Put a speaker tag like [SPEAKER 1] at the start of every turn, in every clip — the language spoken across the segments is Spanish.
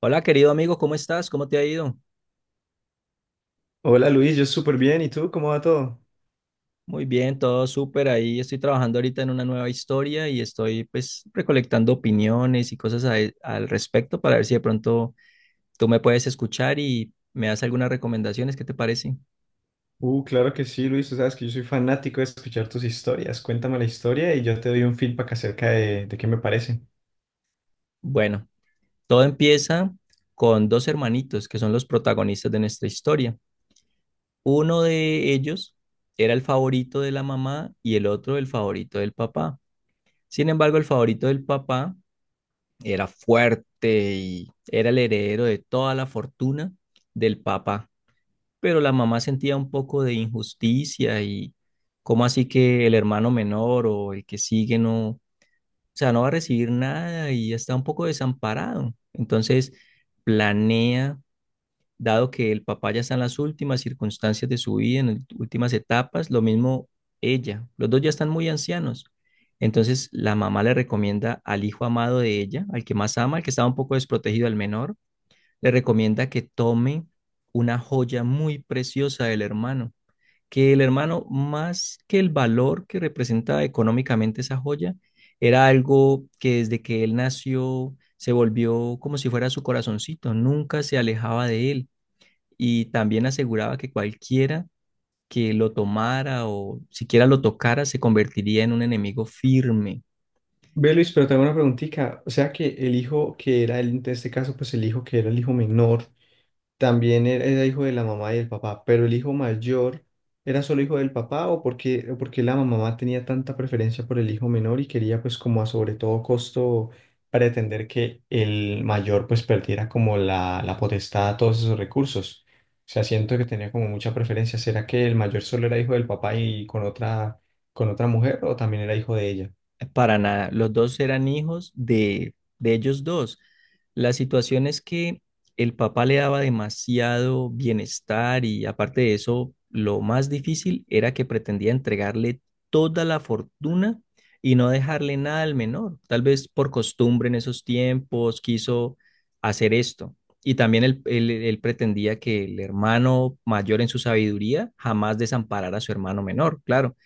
[SPEAKER 1] Hola, querido amigo, ¿cómo estás? ¿Cómo te ha ido?
[SPEAKER 2] Hola Luis, yo súper bien. ¿Y tú cómo va todo?
[SPEAKER 1] Muy bien, todo súper ahí. Estoy trabajando ahorita en una nueva historia y estoy pues recolectando opiniones y cosas al respecto para ver si de pronto tú me puedes escuchar y me das algunas recomendaciones. ¿Qué te parece?
[SPEAKER 2] Claro que sí, Luis. Tú sabes que yo soy fanático de escuchar tus historias. Cuéntame la historia y yo te doy un feedback acerca de qué me parece.
[SPEAKER 1] Bueno, todo empieza con dos hermanitos que son los protagonistas de nuestra historia. Uno de ellos era el favorito de la mamá y el otro el favorito del papá. Sin embargo, el favorito del papá era fuerte y era el heredero de toda la fortuna del papá, pero la mamá sentía un poco de injusticia y cómo así que el hermano menor o el que sigue no, o sea, no va a recibir nada y está un poco desamparado. Entonces planea, dado que el papá ya está en las últimas circunstancias de su vida, en las últimas etapas, lo mismo ella, los dos ya están muy ancianos. Entonces la mamá le recomienda al hijo amado de ella, al que más ama, al que estaba un poco desprotegido, al menor, le recomienda que tome una joya muy preciosa del hermano, que el hermano, más que el valor que representaba económicamente esa joya, era algo que desde que él nació se volvió como si fuera su corazoncito, nunca se alejaba de él, y también aseguraba que cualquiera que lo tomara o siquiera lo tocara se convertiría en un enemigo firme.
[SPEAKER 2] Ve Luis, pero tengo una preguntita. O sea que el hijo que era el, en este caso, pues el hijo que era el hijo menor también era hijo de la mamá y del papá, pero el hijo mayor era solo hijo del papá, o porque la mamá tenía tanta preferencia por el hijo menor y quería pues como a sobre todo costo pretender que el mayor pues perdiera como la potestad a todos esos recursos. O sea, siento que tenía como mucha preferencia. ¿Será que el mayor solo era hijo del papá y con con otra mujer, o también era hijo de ella?
[SPEAKER 1] Para nada, los dos eran hijos de ellos dos. La situación es que el papá le daba demasiado bienestar y aparte de eso, lo más difícil era que pretendía entregarle toda la fortuna y no dejarle nada al menor. Tal vez por costumbre en esos tiempos quiso hacer esto. Y también él pretendía que el hermano mayor en su sabiduría jamás desamparara a su hermano menor, claro.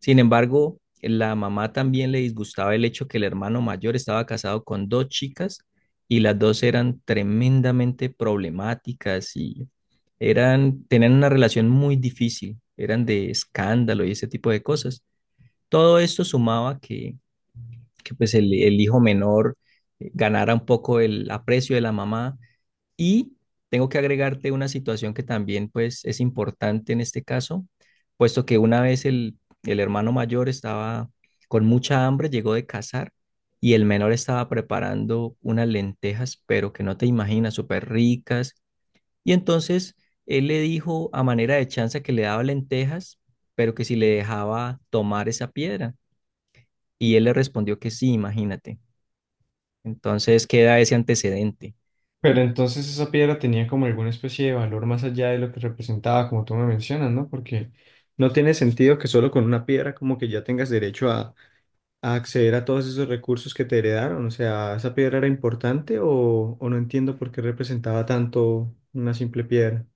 [SPEAKER 1] Sin embargo, la mamá también le disgustaba el hecho que el hermano mayor estaba casado con dos chicas y las dos eran tremendamente problemáticas y eran, tenían una relación muy difícil, eran de escándalo y ese tipo de cosas. Todo esto sumaba que, que pues el hijo menor ganara un poco el aprecio de la mamá, y tengo que agregarte una situación que también pues es importante en este caso, puesto que una vez el hermano mayor estaba con mucha hambre, llegó de cazar y el menor estaba preparando unas lentejas, pero que no te imaginas, súper ricas. Y entonces él le dijo a manera de chanza que le daba lentejas, pero que si le dejaba tomar esa piedra. Y él le respondió que sí, imagínate. Entonces queda ese antecedente.
[SPEAKER 2] Pero entonces esa piedra tenía como alguna especie de valor más allá de lo que representaba, como tú me mencionas, ¿no? Porque no tiene sentido que solo con una piedra como que ya tengas derecho a acceder a todos esos recursos que te heredaron. O sea, ¿esa piedra era importante o no entiendo por qué representaba tanto una simple piedra?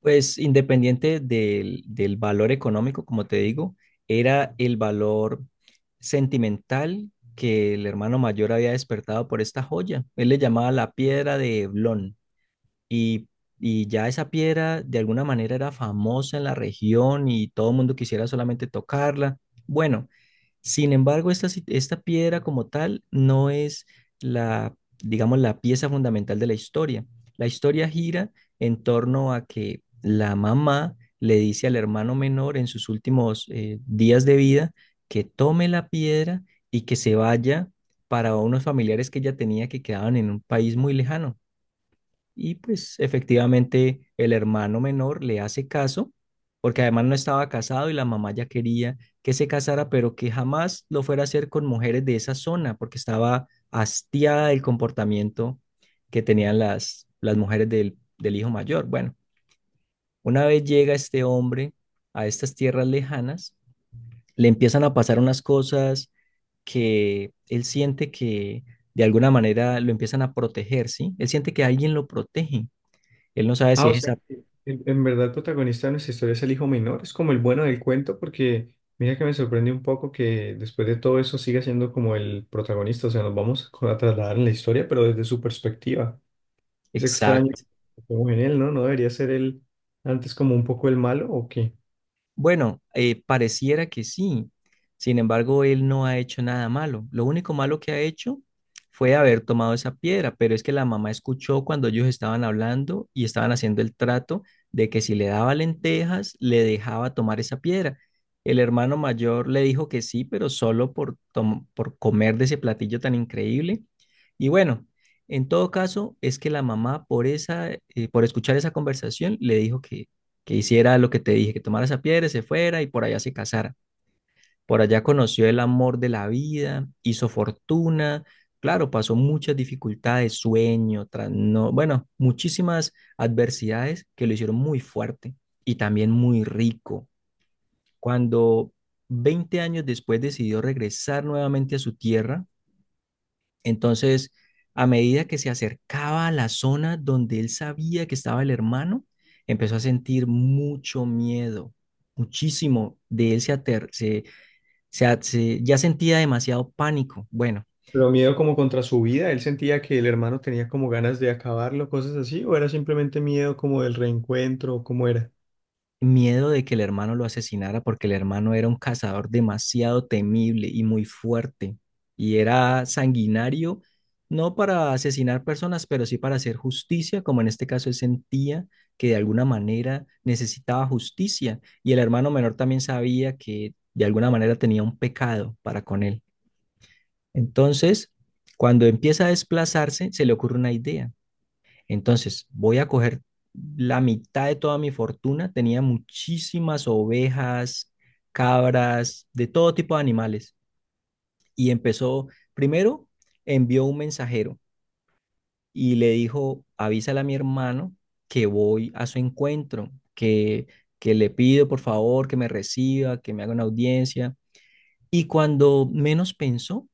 [SPEAKER 1] Pues independiente del valor económico, como te digo, era el valor sentimental que el hermano mayor había despertado por esta joya. Él le llamaba la piedra de Eblón, y, y ya esa piedra de alguna manera era famosa en la región y todo el mundo quisiera solamente tocarla. Bueno, sin embargo, esta piedra como tal no es la, digamos, la pieza fundamental de la historia. La historia gira en torno a que la mamá le dice al hermano menor en sus últimos días de vida, que tome la piedra y que se vaya para unos familiares que ella tenía que quedaban en un país muy lejano. Y pues efectivamente el hermano menor le hace caso, porque además no estaba casado y la mamá ya quería que se casara, pero que jamás lo fuera a hacer con mujeres de esa zona, porque estaba hastiada del comportamiento que tenían las mujeres del hijo mayor. Bueno, una vez llega este hombre a estas tierras lejanas, le empiezan a pasar unas cosas que él siente que de alguna manera lo empiezan a proteger, ¿sí? Él siente que alguien lo protege. Él no sabe
[SPEAKER 2] Ah,
[SPEAKER 1] si
[SPEAKER 2] o
[SPEAKER 1] es
[SPEAKER 2] sea,
[SPEAKER 1] esa.
[SPEAKER 2] que en verdad el protagonista de nuestra historia es el hijo menor, es como el bueno del cuento, porque mira que me sorprende un poco que después de todo eso siga siendo como el protagonista. O sea, nos vamos a trasladar en la historia, pero desde su perspectiva. Es extraño
[SPEAKER 1] Exacto.
[SPEAKER 2] como en él, ¿no? ¿No debería ser él antes como un poco el malo o qué?
[SPEAKER 1] Bueno, pareciera que sí. Sin embargo, él no ha hecho nada malo. Lo único malo que ha hecho fue haber tomado esa piedra, pero es que la mamá escuchó cuando ellos estaban hablando y estaban haciendo el trato de que si le daba lentejas, le dejaba tomar esa piedra. El hermano mayor le dijo que sí, pero solo por comer de ese platillo tan increíble. Y bueno, en todo caso, es que la mamá por esa, por escuchar esa conversación, le dijo que hiciera lo que te dije, que tomara esa piedra, se fuera y por allá se casara. Por allá conoció el amor de la vida, hizo fortuna, claro, pasó muchas dificultades, sueño, bueno, muchísimas adversidades que lo hicieron muy fuerte y también muy rico. Cuando 20 años después decidió regresar nuevamente a su tierra, entonces, a medida que se acercaba a la zona donde él sabía que estaba el hermano, empezó a sentir mucho miedo, muchísimo. De él se, ater- se a- se- ya sentía demasiado pánico. Bueno,
[SPEAKER 2] Pero miedo como contra su vida, él sentía que el hermano tenía como ganas de acabarlo, cosas así, ¿o era simplemente miedo como del reencuentro, o cómo era?
[SPEAKER 1] miedo de que el hermano lo asesinara porque el hermano era un cazador demasiado temible y muy fuerte y era sanguinario, no para asesinar personas, pero sí para hacer justicia, como en este caso él sentía que de alguna manera necesitaba justicia, y el hermano menor también sabía que de alguna manera tenía un pecado para con él. Entonces, cuando empieza a desplazarse, se le ocurre una idea. Entonces, voy a coger la mitad de toda mi fortuna. Tenía muchísimas ovejas, cabras, de todo tipo de animales. Y empezó, primero envió un mensajero y le dijo, avísale a mi hermano que voy a su encuentro, que le pido por favor que me reciba, que me haga una audiencia. Y cuando menos pensó,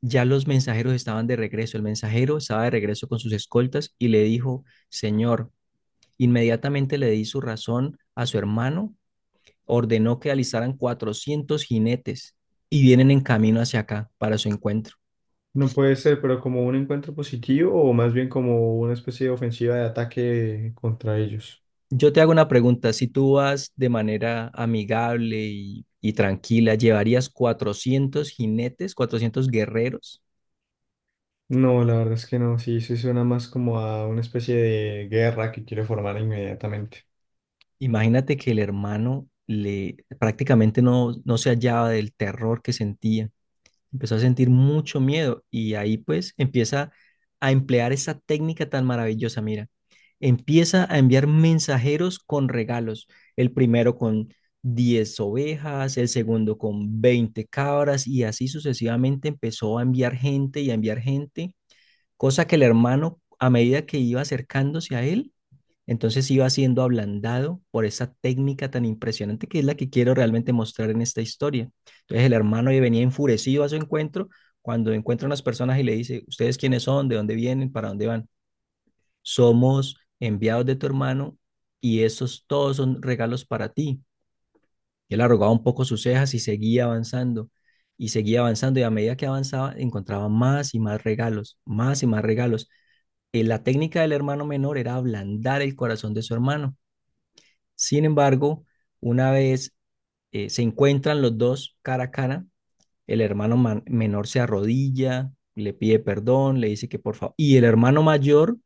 [SPEAKER 1] ya los mensajeros estaban de regreso. El mensajero estaba de regreso con sus escoltas y le dijo: Señor, inmediatamente le di su razón a su hermano, ordenó que alistaran 400 jinetes y vienen en camino hacia acá para su encuentro.
[SPEAKER 2] No puede ser, pero ¿como un encuentro positivo o más bien como una especie de ofensiva de ataque contra ellos?
[SPEAKER 1] Yo te hago una pregunta, si tú vas de manera amigable y tranquila, ¿llevarías 400 jinetes, 400 guerreros?
[SPEAKER 2] No, la verdad es que no, sí, sí suena más como a una especie de guerra que quiere formar inmediatamente.
[SPEAKER 1] Imagínate que el hermano le prácticamente no se hallaba del terror que sentía. Empezó a sentir mucho miedo y ahí pues empieza a emplear esa técnica tan maravillosa, mira. Empieza a enviar mensajeros con regalos, el primero con 10 ovejas, el segundo con 20 cabras, y así sucesivamente empezó a enviar gente y a enviar gente, cosa que el hermano, a medida que iba acercándose a él, entonces iba siendo ablandado por esa técnica tan impresionante, que es la que quiero realmente mostrar en esta historia. Entonces el hermano ya venía enfurecido a su encuentro cuando encuentra unas personas y le dice: ¿Ustedes quiénes son? ¿De dónde vienen? ¿Para dónde van? Somos enviados de tu hermano y esos todos son regalos para ti. Y él arrugaba un poco sus cejas y seguía avanzando, y seguía avanzando, y a medida que avanzaba encontraba más y más regalos, más y más regalos. La técnica del hermano menor era ablandar el corazón de su hermano. Sin embargo, una vez se encuentran los dos cara a cara, el hermano menor se arrodilla, le pide perdón, le dice que por favor, y el hermano mayor,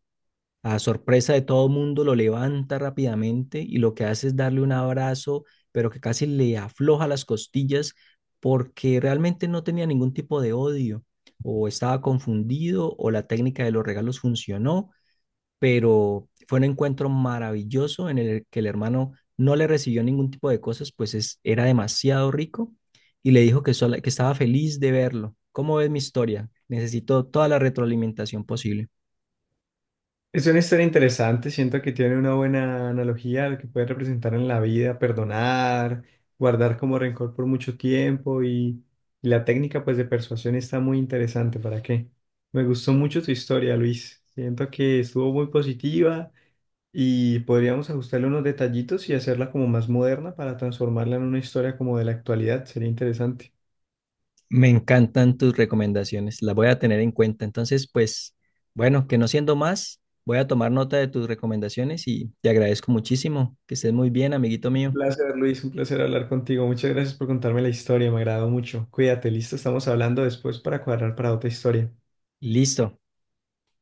[SPEAKER 1] a sorpresa de todo el mundo, lo levanta rápidamente y lo que hace es darle un abrazo, pero que casi le afloja las costillas, porque realmente no tenía ningún tipo de odio, o estaba confundido, o la técnica de los regalos funcionó. Pero fue un encuentro maravilloso en el que el hermano no le recibió ningún tipo de cosas, pues era demasiado rico, y le dijo que, que estaba feliz de verlo. ¿Cómo ves mi historia? Necesito toda la retroalimentación posible.
[SPEAKER 2] Es una historia interesante, siento que tiene una buena analogía a lo que puede representar en la vida, perdonar, guardar como rencor por mucho tiempo, y la técnica pues de persuasión está muy interesante, ¿para qué? Me gustó mucho tu historia, Luis. Siento que estuvo muy positiva y podríamos ajustarle unos detallitos y hacerla como más moderna para transformarla en una historia como de la actualidad, sería interesante.
[SPEAKER 1] Me encantan tus recomendaciones, las voy a tener en cuenta. Entonces, pues, bueno, que no siendo más, voy a tomar nota de tus recomendaciones y te agradezco muchísimo. Que estés muy bien, amiguito mío.
[SPEAKER 2] Placer, Luis, un placer hablar contigo. Muchas gracias por contarme la historia, me agradó mucho. Cuídate, listo, estamos hablando después para cuadrar para otra historia.
[SPEAKER 1] Listo.